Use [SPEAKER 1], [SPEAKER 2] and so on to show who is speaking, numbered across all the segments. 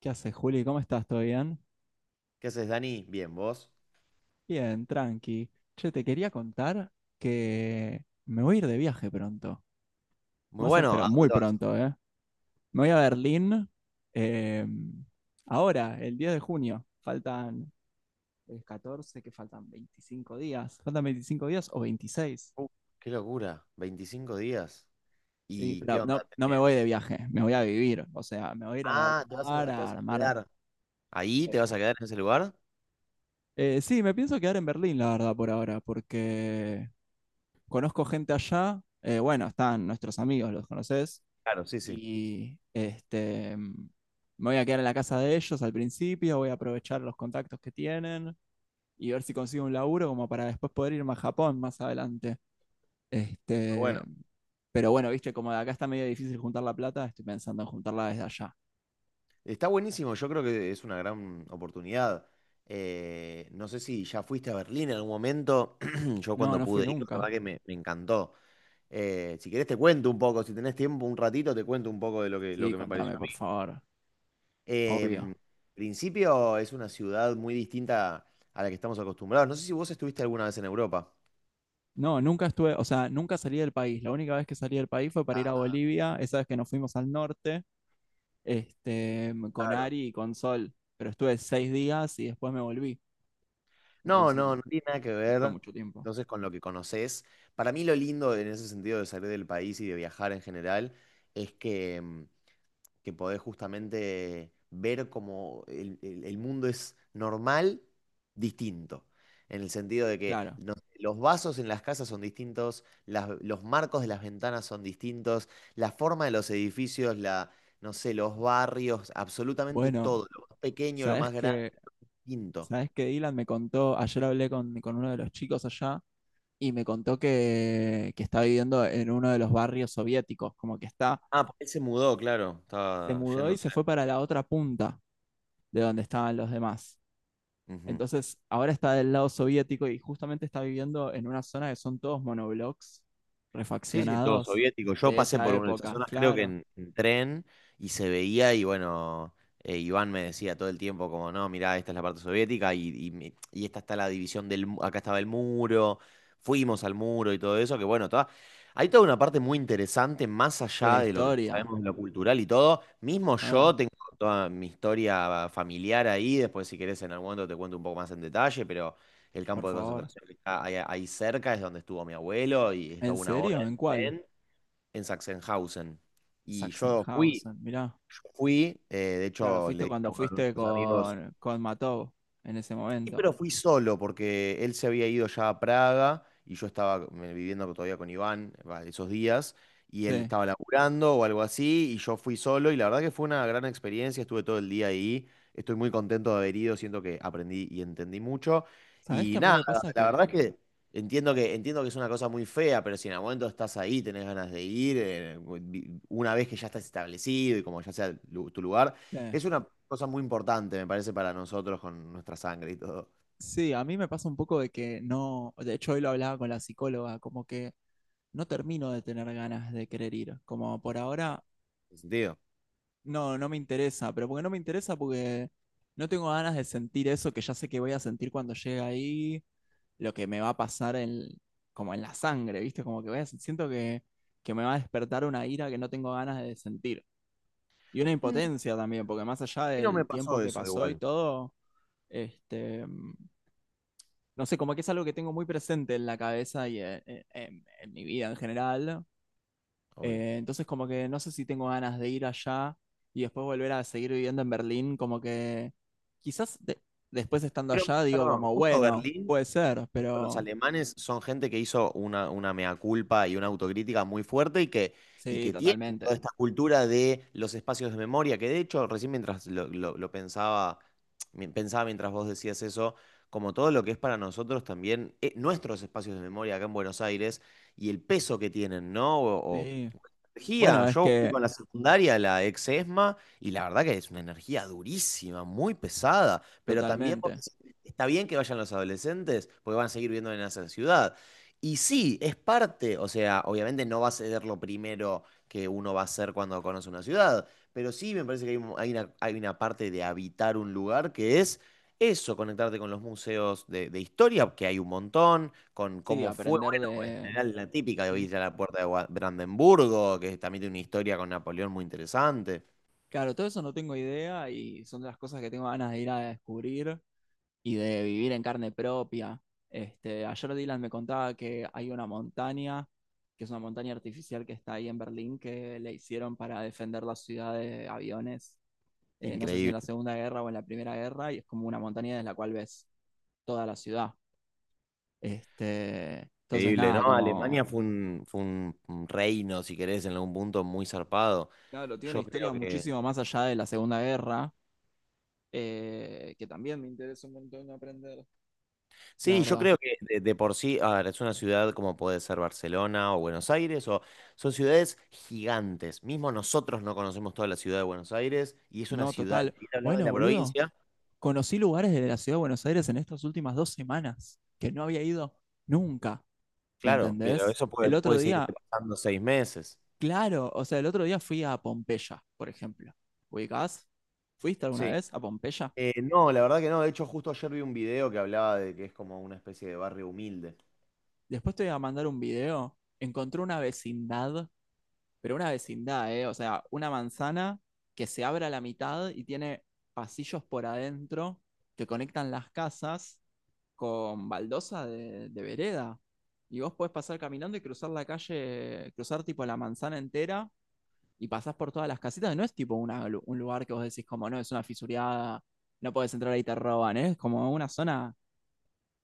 [SPEAKER 1] ¿Qué haces, Juli? ¿Cómo estás? ¿Todo bien?
[SPEAKER 2] ¿Qué haces, Dani? Bien, ¿vos?
[SPEAKER 1] Bien, tranqui. Che, te quería contar que me voy a ir de viaje pronto.
[SPEAKER 2] Muy bueno,
[SPEAKER 1] Pero
[SPEAKER 2] ¿a
[SPEAKER 1] muy
[SPEAKER 2] dónde vas?
[SPEAKER 1] pronto, ¿eh? Me voy a Berlín eh, ahora, el 10 de junio. Faltan el 14, que faltan 25 días. ¿Faltan 25 días o 26?
[SPEAKER 2] Uh, qué locura, 25 días.
[SPEAKER 1] Sí,
[SPEAKER 2] ¿Y
[SPEAKER 1] pero
[SPEAKER 2] qué onda
[SPEAKER 1] no, no me voy de
[SPEAKER 2] tenés?
[SPEAKER 1] viaje, me voy a vivir. O sea, me voy a ir a
[SPEAKER 2] Ah,
[SPEAKER 1] laburar,
[SPEAKER 2] te
[SPEAKER 1] a
[SPEAKER 2] vas a
[SPEAKER 1] armar.
[SPEAKER 2] quedar. ¿Ahí te vas a quedar en ese lugar?
[SPEAKER 1] Sí, me pienso quedar en Berlín, la verdad, por ahora, porque conozco gente allá, bueno, están nuestros amigos, los conoces,
[SPEAKER 2] Claro, sí, sí.
[SPEAKER 1] y me voy a quedar en la casa de ellos al principio, voy a aprovechar los contactos que tienen y ver si consigo un laburo como para después poder irme a Japón más adelante.
[SPEAKER 2] Bueno,
[SPEAKER 1] Este, pero bueno, viste, como de acá está medio difícil juntar la plata, estoy pensando en juntarla desde allá.
[SPEAKER 2] está buenísimo, yo creo que es una gran oportunidad. No sé si ya fuiste a Berlín en algún momento, yo
[SPEAKER 1] No,
[SPEAKER 2] cuando
[SPEAKER 1] no fui
[SPEAKER 2] pude ir, la verdad
[SPEAKER 1] nunca.
[SPEAKER 2] que me encantó. Si querés te cuento un poco, si tenés tiempo, un ratito, te cuento un poco de lo que, lo
[SPEAKER 1] Sí,
[SPEAKER 2] que me pareció.
[SPEAKER 1] contame, por favor. Obvio.
[SPEAKER 2] Em, principio es una ciudad muy distinta a la que estamos acostumbrados. No sé si vos estuviste alguna vez en Europa.
[SPEAKER 1] No, nunca estuve, o sea, nunca salí del país. La única vez que salí del país fue para ir a
[SPEAKER 2] Ah,
[SPEAKER 1] Bolivia, esa vez que nos fuimos al norte con
[SPEAKER 2] claro.
[SPEAKER 1] Ari y con Sol, pero estuve 6 días y después me volví,
[SPEAKER 2] No,
[SPEAKER 1] entonces
[SPEAKER 2] no, no tiene nada que
[SPEAKER 1] no fue
[SPEAKER 2] ver
[SPEAKER 1] mucho tiempo.
[SPEAKER 2] entonces con lo que conoces. Para mí lo lindo en ese sentido de salir del país y de viajar en general es que podés justamente ver cómo el mundo es normal, distinto. En el sentido de que
[SPEAKER 1] Claro.
[SPEAKER 2] no sé, los vasos en las casas son distintos, los marcos de las ventanas son distintos, la forma de los edificios, la, no sé, los barrios, absolutamente
[SPEAKER 1] Bueno,
[SPEAKER 2] todo, lo más pequeño, lo
[SPEAKER 1] ¿sabes
[SPEAKER 2] más grande,
[SPEAKER 1] qué?
[SPEAKER 2] distinto.
[SPEAKER 1] ¿Sabes qué, Dylan? Me contó, ayer hablé con uno de los chicos allá y me contó que está viviendo en uno de los barrios soviéticos, como que está,
[SPEAKER 2] Ah, porque él se mudó, claro,
[SPEAKER 1] se
[SPEAKER 2] estaba
[SPEAKER 1] mudó y
[SPEAKER 2] yéndose.
[SPEAKER 1] se fue para la otra punta de donde estaban los demás.
[SPEAKER 2] Ujú.
[SPEAKER 1] Entonces, ahora está del lado soviético y justamente está viviendo en una zona que son todos monoblocks
[SPEAKER 2] Sí, sí, todo
[SPEAKER 1] refaccionados
[SPEAKER 2] soviético. Yo
[SPEAKER 1] de
[SPEAKER 2] pasé
[SPEAKER 1] esa
[SPEAKER 2] por una de esas
[SPEAKER 1] época,
[SPEAKER 2] zonas, creo que
[SPEAKER 1] claro,
[SPEAKER 2] en tren, y se veía, y bueno, Iván me decía todo el tiempo como, no, mirá, esta es la parte soviética, y esta está la división del, acá estaba el muro, fuimos al muro y todo eso, que bueno, toda, hay toda una parte muy interesante, más
[SPEAKER 1] de la
[SPEAKER 2] allá de lo que ya
[SPEAKER 1] historia.
[SPEAKER 2] sabemos de lo cultural y todo. Mismo
[SPEAKER 1] Ah,
[SPEAKER 2] yo tengo toda mi historia familiar ahí, después si querés en algún momento te cuento un poco más en detalle, pero el
[SPEAKER 1] por
[SPEAKER 2] campo de
[SPEAKER 1] favor.
[SPEAKER 2] concentración que está ahí, ahí cerca es donde estuvo mi abuelo y está
[SPEAKER 1] ¿En
[SPEAKER 2] una hora
[SPEAKER 1] serio? ¿En cuál?
[SPEAKER 2] en, en Sachsenhausen. Y yo fui.
[SPEAKER 1] Sachsenhausen, mirá.
[SPEAKER 2] De
[SPEAKER 1] Claro,
[SPEAKER 2] hecho le
[SPEAKER 1] fuiste
[SPEAKER 2] dije a
[SPEAKER 1] cuando
[SPEAKER 2] uno de
[SPEAKER 1] fuiste
[SPEAKER 2] nuestros amigos.
[SPEAKER 1] con, Matov en ese
[SPEAKER 2] Sí,
[SPEAKER 1] momento.
[SPEAKER 2] pero fui solo porque él se había ido ya a Praga y yo estaba viviendo todavía con Iván, esos días y él
[SPEAKER 1] Sí.
[SPEAKER 2] estaba laburando o algo así y yo fui solo y la verdad que fue una gran experiencia, estuve todo el día ahí, estoy muy contento de haber ido, siento que aprendí y entendí mucho
[SPEAKER 1] ¿Sabés
[SPEAKER 2] y
[SPEAKER 1] que a mí
[SPEAKER 2] nada,
[SPEAKER 1] me pasa
[SPEAKER 2] la
[SPEAKER 1] que,
[SPEAKER 2] verdad es que entiendo que es una cosa muy fea, pero si en algún momento estás ahí, tenés ganas de ir, una vez que ya estás establecido y como ya sea tu lugar,
[SPEAKER 1] eh,
[SPEAKER 2] es una cosa muy importante, me parece, para nosotros con nuestra sangre y todo.
[SPEAKER 1] sí, a mí me pasa un poco de que no? De hecho, hoy lo hablaba con la psicóloga, como que no termino de tener ganas de querer ir. Como por ahora.
[SPEAKER 2] ¿En sentido? A
[SPEAKER 1] No, no me interesa, pero porque no me interesa porque no tengo ganas de sentir eso que ya sé que voy a sentir cuando llegue ahí, lo que me va a pasar en, como en la sangre, ¿viste? Como que voy a, siento que me va a despertar una ira que no tengo ganas de sentir. Y una impotencia también, porque más allá
[SPEAKER 2] mí no me
[SPEAKER 1] del tiempo
[SPEAKER 2] pasó
[SPEAKER 1] que
[SPEAKER 2] eso
[SPEAKER 1] pasó y
[SPEAKER 2] igual,
[SPEAKER 1] todo, este, mm, no sé, como que es algo que tengo muy presente en la cabeza y en mi vida en general.
[SPEAKER 2] obvio.
[SPEAKER 1] Entonces como que no sé si tengo ganas de ir allá y después volver a seguir viviendo en Berlín, como que quizás después estando
[SPEAKER 2] Pero,
[SPEAKER 1] allá digo
[SPEAKER 2] perdón,
[SPEAKER 1] como,
[SPEAKER 2] justo
[SPEAKER 1] bueno,
[SPEAKER 2] Berlín,
[SPEAKER 1] puede ser,
[SPEAKER 2] justo los
[SPEAKER 1] pero
[SPEAKER 2] alemanes son gente que hizo una mea culpa y una autocrítica muy fuerte y que,
[SPEAKER 1] sí,
[SPEAKER 2] tienen
[SPEAKER 1] totalmente.
[SPEAKER 2] toda esta cultura de los espacios de memoria, que de hecho, recién mientras lo pensaba, pensaba mientras vos decías eso, como todo lo que es para nosotros también, nuestros espacios de memoria acá en Buenos Aires y el peso que tienen, ¿no? O
[SPEAKER 1] Sí.
[SPEAKER 2] energía.
[SPEAKER 1] Bueno, es
[SPEAKER 2] Yo fui
[SPEAKER 1] que
[SPEAKER 2] con la secundaria, la ex ESMA, y la verdad que es una energía durísima, muy pesada. Pero también vos
[SPEAKER 1] totalmente.
[SPEAKER 2] decís, está bien que vayan los adolescentes, porque van a seguir viviendo en esa ciudad. Y sí, es parte, o sea, obviamente no va a ser lo primero que uno va a hacer cuando conoce una ciudad, pero sí me parece que hay una parte de habitar un lugar que es eso, conectarte con los museos de historia, que hay un montón, con
[SPEAKER 1] Sí,
[SPEAKER 2] cómo fue
[SPEAKER 1] aprender de.
[SPEAKER 2] general, la típica de
[SPEAKER 1] Mm.
[SPEAKER 2] Villa La Puerta de Brandenburgo, que también tiene una historia con Napoleón muy interesante.
[SPEAKER 1] Claro, todo eso no tengo idea y son de las cosas que tengo ganas de ir a descubrir y de vivir en carne propia. Ayer Dylan me contaba que hay una montaña, que es una montaña artificial que está ahí en Berlín, que le hicieron para defender la ciudad de aviones, no sé si en la
[SPEAKER 2] Increíble,
[SPEAKER 1] Segunda Guerra o en la Primera Guerra, y es como una montaña desde la cual ves toda la ciudad. Entonces,
[SPEAKER 2] increíble, ¿no?
[SPEAKER 1] nada, como.
[SPEAKER 2] Alemania fue un reino, si querés, en algún punto muy zarpado.
[SPEAKER 1] Claro, tiene una
[SPEAKER 2] Yo creo
[SPEAKER 1] historia
[SPEAKER 2] que,
[SPEAKER 1] muchísimo más allá de la Segunda Guerra, que también me interesa un montón aprender. La
[SPEAKER 2] sí, yo
[SPEAKER 1] verdad.
[SPEAKER 2] creo que de por sí, a ver, es una ciudad como puede ser Barcelona o Buenos Aires, o son ciudades gigantes. Mismo nosotros no conocemos toda la ciudad de Buenos Aires y es una
[SPEAKER 1] No,
[SPEAKER 2] ciudad,
[SPEAKER 1] total.
[SPEAKER 2] ni hablar de
[SPEAKER 1] Bueno,
[SPEAKER 2] la
[SPEAKER 1] boludo.
[SPEAKER 2] provincia,
[SPEAKER 1] Conocí lugares de la ciudad de Buenos Aires en estas últimas 2 semanas que no había ido nunca, ¿me
[SPEAKER 2] claro, pero
[SPEAKER 1] entendés?
[SPEAKER 2] eso puede,
[SPEAKER 1] El otro
[SPEAKER 2] puede seguir
[SPEAKER 1] día,
[SPEAKER 2] pasando 6 meses.
[SPEAKER 1] claro, o sea, el otro día fui a Pompeya, por ejemplo. ¿Ubicás? ¿Fuiste alguna
[SPEAKER 2] Sí.
[SPEAKER 1] vez a Pompeya?
[SPEAKER 2] No, la verdad que no. De hecho, justo ayer vi un video que hablaba de que es como una especie de barrio humilde.
[SPEAKER 1] Después te voy a mandar un video. Encontré una vecindad, pero una vecindad, ¿eh? O sea, una manzana que se abre a la mitad y tiene pasillos por adentro que conectan las casas con baldosa de vereda. Y vos podés pasar caminando y cruzar la calle, cruzar tipo la manzana entera y pasás por todas las casitas. No es tipo un lugar que vos decís como, no, es una fisuriada, no podés entrar ahí te roban, ¿eh? Es como una zona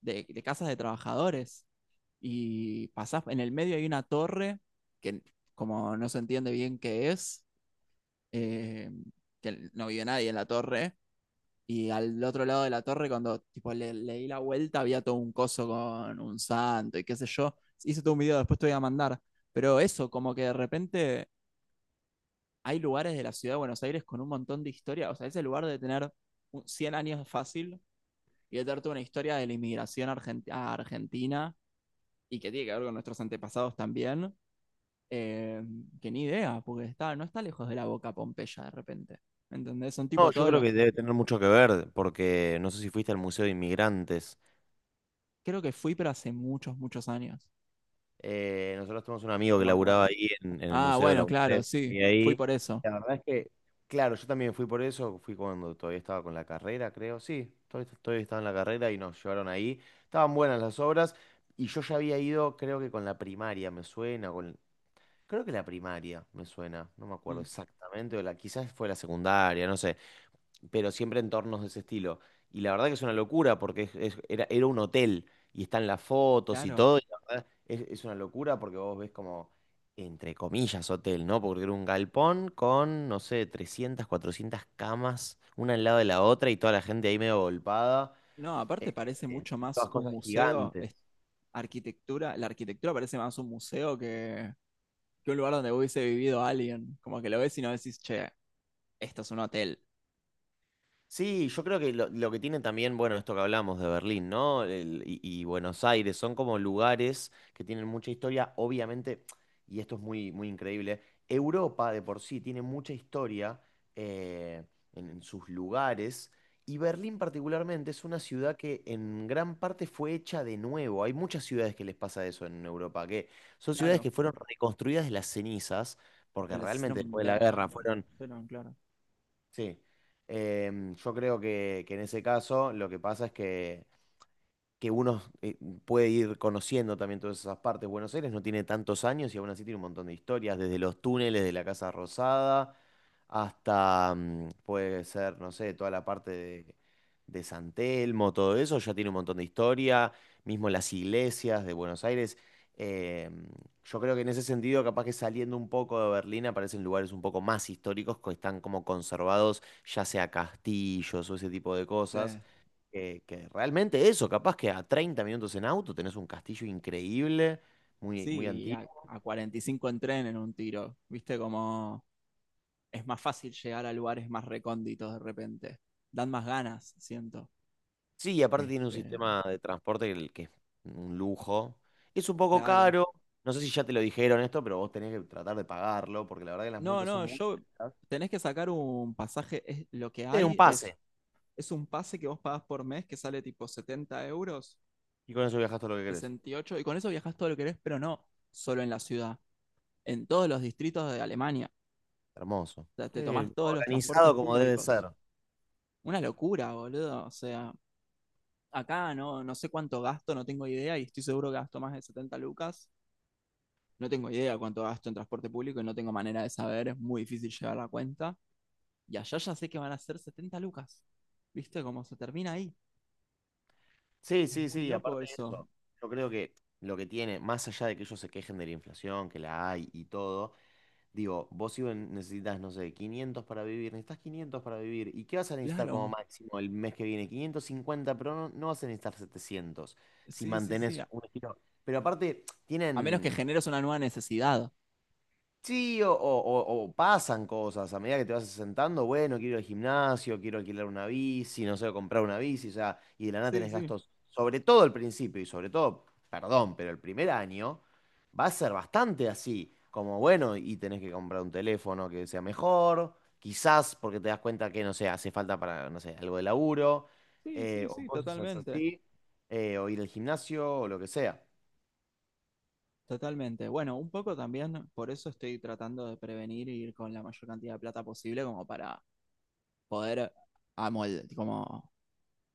[SPEAKER 1] de casas de trabajadores. Y pasás, en el medio hay una torre que como no se entiende bien qué es, eh, que no vive nadie en la torre, y al otro lado de la torre, cuando tipo, le di la vuelta, había todo un coso con un santo y qué sé yo. Hice todo un video, después te voy a mandar. Pero eso, como que de repente hay lugares de la ciudad de Buenos Aires con un montón de historia. O sea, ese lugar de tener 100 años fácil y de tener toda una historia de la inmigración a Argentina y que tiene que ver con nuestros antepasados también. eh, que ni idea, porque está, no está lejos de la boca Pompeya de repente. ¿Me ¿Entendés? Son
[SPEAKER 2] No,
[SPEAKER 1] tipo
[SPEAKER 2] yo
[SPEAKER 1] todos
[SPEAKER 2] creo
[SPEAKER 1] los.
[SPEAKER 2] que debe tener mucho que ver, porque no sé si fuiste al Museo de Inmigrantes.
[SPEAKER 1] Creo que fui, pero hace muchos, muchos años.
[SPEAKER 2] Nosotros tenemos un amigo
[SPEAKER 1] No
[SPEAKER 2] que
[SPEAKER 1] me
[SPEAKER 2] laburaba
[SPEAKER 1] acuerdo.
[SPEAKER 2] ahí en el
[SPEAKER 1] Ah,
[SPEAKER 2] Museo de la
[SPEAKER 1] bueno, claro,
[SPEAKER 2] UNTEP
[SPEAKER 1] sí,
[SPEAKER 2] y
[SPEAKER 1] fui
[SPEAKER 2] ahí,
[SPEAKER 1] por eso.
[SPEAKER 2] la verdad es que, claro, yo también fui por eso, fui cuando todavía estaba con la carrera, creo, sí, todavía estaba en la carrera y nos llevaron ahí. Estaban buenas las obras y yo ya había ido, creo que con la primaria, me suena, con creo que la primaria me suena, no me acuerdo
[SPEAKER 1] Mm,
[SPEAKER 2] exactamente, o la, quizás fue la secundaria, no sé, pero siempre entornos de ese estilo. Y la verdad que es una locura porque era un hotel y están las fotos y
[SPEAKER 1] claro.
[SPEAKER 2] todo, y la verdad es una locura porque vos ves como, entre comillas, hotel, ¿no? Porque era un galpón con, no sé, 300, 400 camas, una al lado de la otra y toda la gente ahí medio volpada,
[SPEAKER 1] No, aparte parece
[SPEAKER 2] eh,
[SPEAKER 1] mucho más
[SPEAKER 2] todas
[SPEAKER 1] un
[SPEAKER 2] cosas
[SPEAKER 1] museo,
[SPEAKER 2] gigantes.
[SPEAKER 1] arquitectura, la arquitectura parece más un museo que, un lugar donde hubiese vivido alguien. Como que lo ves y no decís, che, esto es un hotel.
[SPEAKER 2] Sí, yo creo que lo que tiene también, bueno, esto que hablamos de Berlín, ¿no? Y Buenos Aires, son como lugares que tienen mucha historia, obviamente, y esto es muy, muy increíble, Europa de por sí tiene mucha historia eh, en sus lugares, y Berlín particularmente es una ciudad que en gran parte fue hecha de nuevo. Hay muchas ciudades que les pasa eso en Europa, que son ciudades
[SPEAKER 1] Claro,
[SPEAKER 2] que fueron reconstruidas de las cenizas, porque
[SPEAKER 1] pues las
[SPEAKER 2] realmente
[SPEAKER 1] hicieron
[SPEAKER 2] después de la
[SPEAKER 1] verga.
[SPEAKER 2] guerra fueron.
[SPEAKER 1] Fueron claro.
[SPEAKER 2] Sí. Yo creo que, en ese caso lo que pasa es que uno puede ir conociendo también todas esas partes. Buenos Aires no tiene tantos años y aún así tiene un montón de historias, desde los túneles de la Casa Rosada hasta, puede ser, no sé, toda la parte de San Telmo, todo eso, ya tiene un montón de historia, mismo las iglesias de Buenos Aires. Eh, yo creo que en ese sentido, capaz que saliendo un poco de Berlín aparecen lugares un poco más históricos que están como conservados, ya sea castillos o ese tipo de
[SPEAKER 1] Sí,
[SPEAKER 2] cosas que realmente eso, capaz que a 30 minutos en auto tenés un castillo increíble, muy, muy
[SPEAKER 1] sí, y a,
[SPEAKER 2] antiguo.
[SPEAKER 1] a 45 en tren en un tiro. Viste como es más fácil llegar a lugares más recónditos de repente. Dan más ganas, siento.
[SPEAKER 2] Sí, y aparte tiene un
[SPEAKER 1] Este,
[SPEAKER 2] sistema de transporte que es un lujo. Es un poco
[SPEAKER 1] claro.
[SPEAKER 2] caro, no sé si ya te lo dijeron esto, pero vos tenés que tratar de pagarlo, porque la verdad que las
[SPEAKER 1] No,
[SPEAKER 2] multas son
[SPEAKER 1] no,
[SPEAKER 2] muy
[SPEAKER 1] yo
[SPEAKER 2] altas.
[SPEAKER 1] tenés que sacar un pasaje. Lo que
[SPEAKER 2] Sí, un
[SPEAKER 1] hay es,
[SPEAKER 2] pase.
[SPEAKER 1] es un pase que vos pagás por mes que sale tipo 70 euros,
[SPEAKER 2] Y con eso viajás todo lo que querés.
[SPEAKER 1] 68. Y con eso viajás todo lo que querés, pero no solo en la ciudad, en todos los distritos de Alemania.
[SPEAKER 2] Hermoso.
[SPEAKER 1] O sea,
[SPEAKER 2] Sí,
[SPEAKER 1] te tomás todos los transportes
[SPEAKER 2] organizado como debe ser.
[SPEAKER 1] públicos. Una locura, boludo. O sea, acá no, no sé cuánto gasto, no tengo idea, y estoy seguro que gasto más de 70 lucas. No tengo idea cuánto gasto en transporte público y no tengo manera de saber, es muy difícil llevar la cuenta. Y allá ya sé que van a ser 70 lucas. ¿Viste cómo se termina ahí?
[SPEAKER 2] Sí,
[SPEAKER 1] Es
[SPEAKER 2] sí,
[SPEAKER 1] muy
[SPEAKER 2] sí, y
[SPEAKER 1] loco
[SPEAKER 2] aparte de
[SPEAKER 1] eso.
[SPEAKER 2] eso, yo creo que lo que tiene, más allá de que ellos se quejen de la inflación, que la hay y todo, digo, vos necesitas, no sé, 500 para vivir, necesitas 500 para vivir, ¿y qué vas a necesitar como
[SPEAKER 1] Claro.
[SPEAKER 2] máximo el mes que viene? 550, pero no, no vas a necesitar 700 si
[SPEAKER 1] Sí, sí, sí.
[SPEAKER 2] mantenés
[SPEAKER 1] A,
[SPEAKER 2] un estilo. Pero aparte,
[SPEAKER 1] a menos que
[SPEAKER 2] tienen.
[SPEAKER 1] generes una nueva necesidad.
[SPEAKER 2] Sí, o pasan cosas a medida que te vas asentando, bueno, quiero ir al gimnasio, quiero alquilar una bici, no sé, comprar una bici, o sea, y de la nada
[SPEAKER 1] Sí,
[SPEAKER 2] tenés
[SPEAKER 1] sí.
[SPEAKER 2] gastos, sobre todo al principio y sobre todo, perdón, pero el primer año va a ser bastante así, como bueno, y tenés que comprar un teléfono que sea mejor, quizás porque te das cuenta que, no sé, hace falta para, no sé, algo de laburo,
[SPEAKER 1] Sí, sí,
[SPEAKER 2] o
[SPEAKER 1] sí,
[SPEAKER 2] cosas
[SPEAKER 1] totalmente.
[SPEAKER 2] así, o ir al gimnasio, o lo que sea.
[SPEAKER 1] Totalmente. Bueno, un poco también, por eso estoy tratando de prevenir y ir con la mayor cantidad de plata posible como para poder como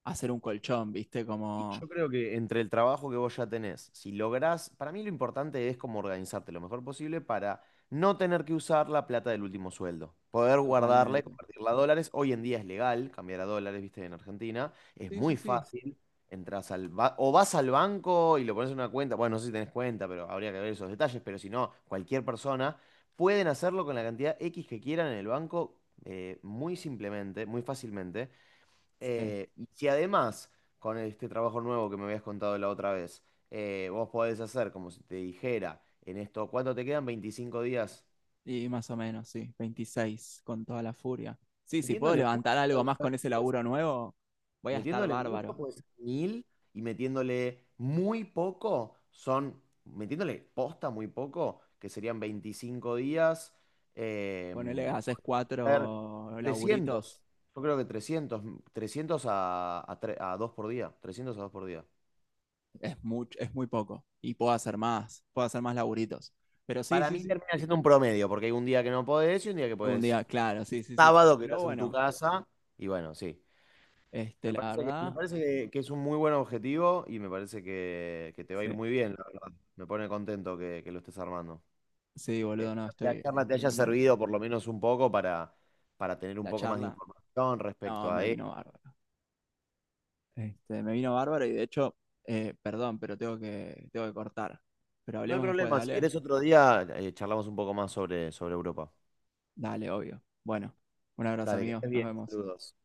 [SPEAKER 1] hacer un colchón, ¿viste?
[SPEAKER 2] Y yo
[SPEAKER 1] Como
[SPEAKER 2] creo que entre el trabajo que vos ya tenés, si lográs, para mí lo importante es como organizarte lo mejor posible para no tener que usar la plata del último sueldo, poder guardarla y
[SPEAKER 1] totalmente.
[SPEAKER 2] convertirla a dólares. Hoy en día es legal cambiar a dólares, viste, en Argentina, es
[SPEAKER 1] Sí,
[SPEAKER 2] muy
[SPEAKER 1] sí, sí.
[SPEAKER 2] fácil. Entras al o vas al banco y lo pones en una cuenta, bueno, no sé si tenés cuenta, pero habría que ver esos detalles, pero si no, cualquier persona pueden hacerlo con la cantidad X que quieran en el banco muy simplemente, muy fácilmente.
[SPEAKER 1] Sí.
[SPEAKER 2] Y si además, con este trabajo nuevo que me habías contado la otra vez, vos podés hacer como si te dijera en esto, ¿cuánto te quedan? 25 días.
[SPEAKER 1] Y más o menos, sí, 26 con toda la furia. Sí, si puedo
[SPEAKER 2] Metiéndole mucho
[SPEAKER 1] levantar algo
[SPEAKER 2] puede
[SPEAKER 1] más
[SPEAKER 2] ser,
[SPEAKER 1] con ese
[SPEAKER 2] puede ser-
[SPEAKER 1] laburo nuevo, voy a estar
[SPEAKER 2] metiéndole mucho
[SPEAKER 1] bárbaro.
[SPEAKER 2] puede ser mil y metiéndole muy poco son, metiéndole posta muy poco, que serían 25 días, eh,
[SPEAKER 1] Ponele, haces
[SPEAKER 2] a ver,
[SPEAKER 1] cuatro
[SPEAKER 2] 300.
[SPEAKER 1] laburitos,
[SPEAKER 2] Yo creo que trescientos a 2 por día, 300 a 2 por día.
[SPEAKER 1] es, mucho, es muy poco. Y puedo hacer más laburitos. Pero sí,
[SPEAKER 2] Para
[SPEAKER 1] sí,
[SPEAKER 2] mí
[SPEAKER 1] sí.
[SPEAKER 2] termina siendo un promedio, porque hay un día que no podés y un día que
[SPEAKER 1] Un
[SPEAKER 2] podés.
[SPEAKER 1] día, claro, sí, sí, sí.
[SPEAKER 2] Sábado que
[SPEAKER 1] Pero
[SPEAKER 2] estás en tu
[SPEAKER 1] bueno,
[SPEAKER 2] casa. Y bueno, sí. Me
[SPEAKER 1] la
[SPEAKER 2] parece que, me
[SPEAKER 1] verdad,
[SPEAKER 2] parece que es un muy buen objetivo y me parece que te va a ir
[SPEAKER 1] sí,
[SPEAKER 2] muy bien, la verdad. Me pone contento que lo estés armando.
[SPEAKER 1] sí,
[SPEAKER 2] Eh,
[SPEAKER 1] boludo, no,
[SPEAKER 2] Espero que la
[SPEAKER 1] estoy,
[SPEAKER 2] charla te
[SPEAKER 1] estoy
[SPEAKER 2] haya
[SPEAKER 1] muy manija.
[SPEAKER 2] servido por lo menos un poco para, tener un
[SPEAKER 1] La
[SPEAKER 2] poco más de
[SPEAKER 1] charla,
[SPEAKER 2] información
[SPEAKER 1] no,
[SPEAKER 2] respecto a
[SPEAKER 1] me vino
[SPEAKER 2] esto.
[SPEAKER 1] bárbaro. Me vino bárbaro y de hecho, perdón, pero tengo que cortar. Pero
[SPEAKER 2] No hay
[SPEAKER 1] hablemos después,
[SPEAKER 2] problema, si
[SPEAKER 1] dale.
[SPEAKER 2] querés otro día charlamos un poco más sobre Europa.
[SPEAKER 1] Dale, obvio. Bueno, un abrazo,
[SPEAKER 2] Dale, que
[SPEAKER 1] amigo.
[SPEAKER 2] estés
[SPEAKER 1] Nos
[SPEAKER 2] bien.
[SPEAKER 1] vemos.
[SPEAKER 2] Saludos.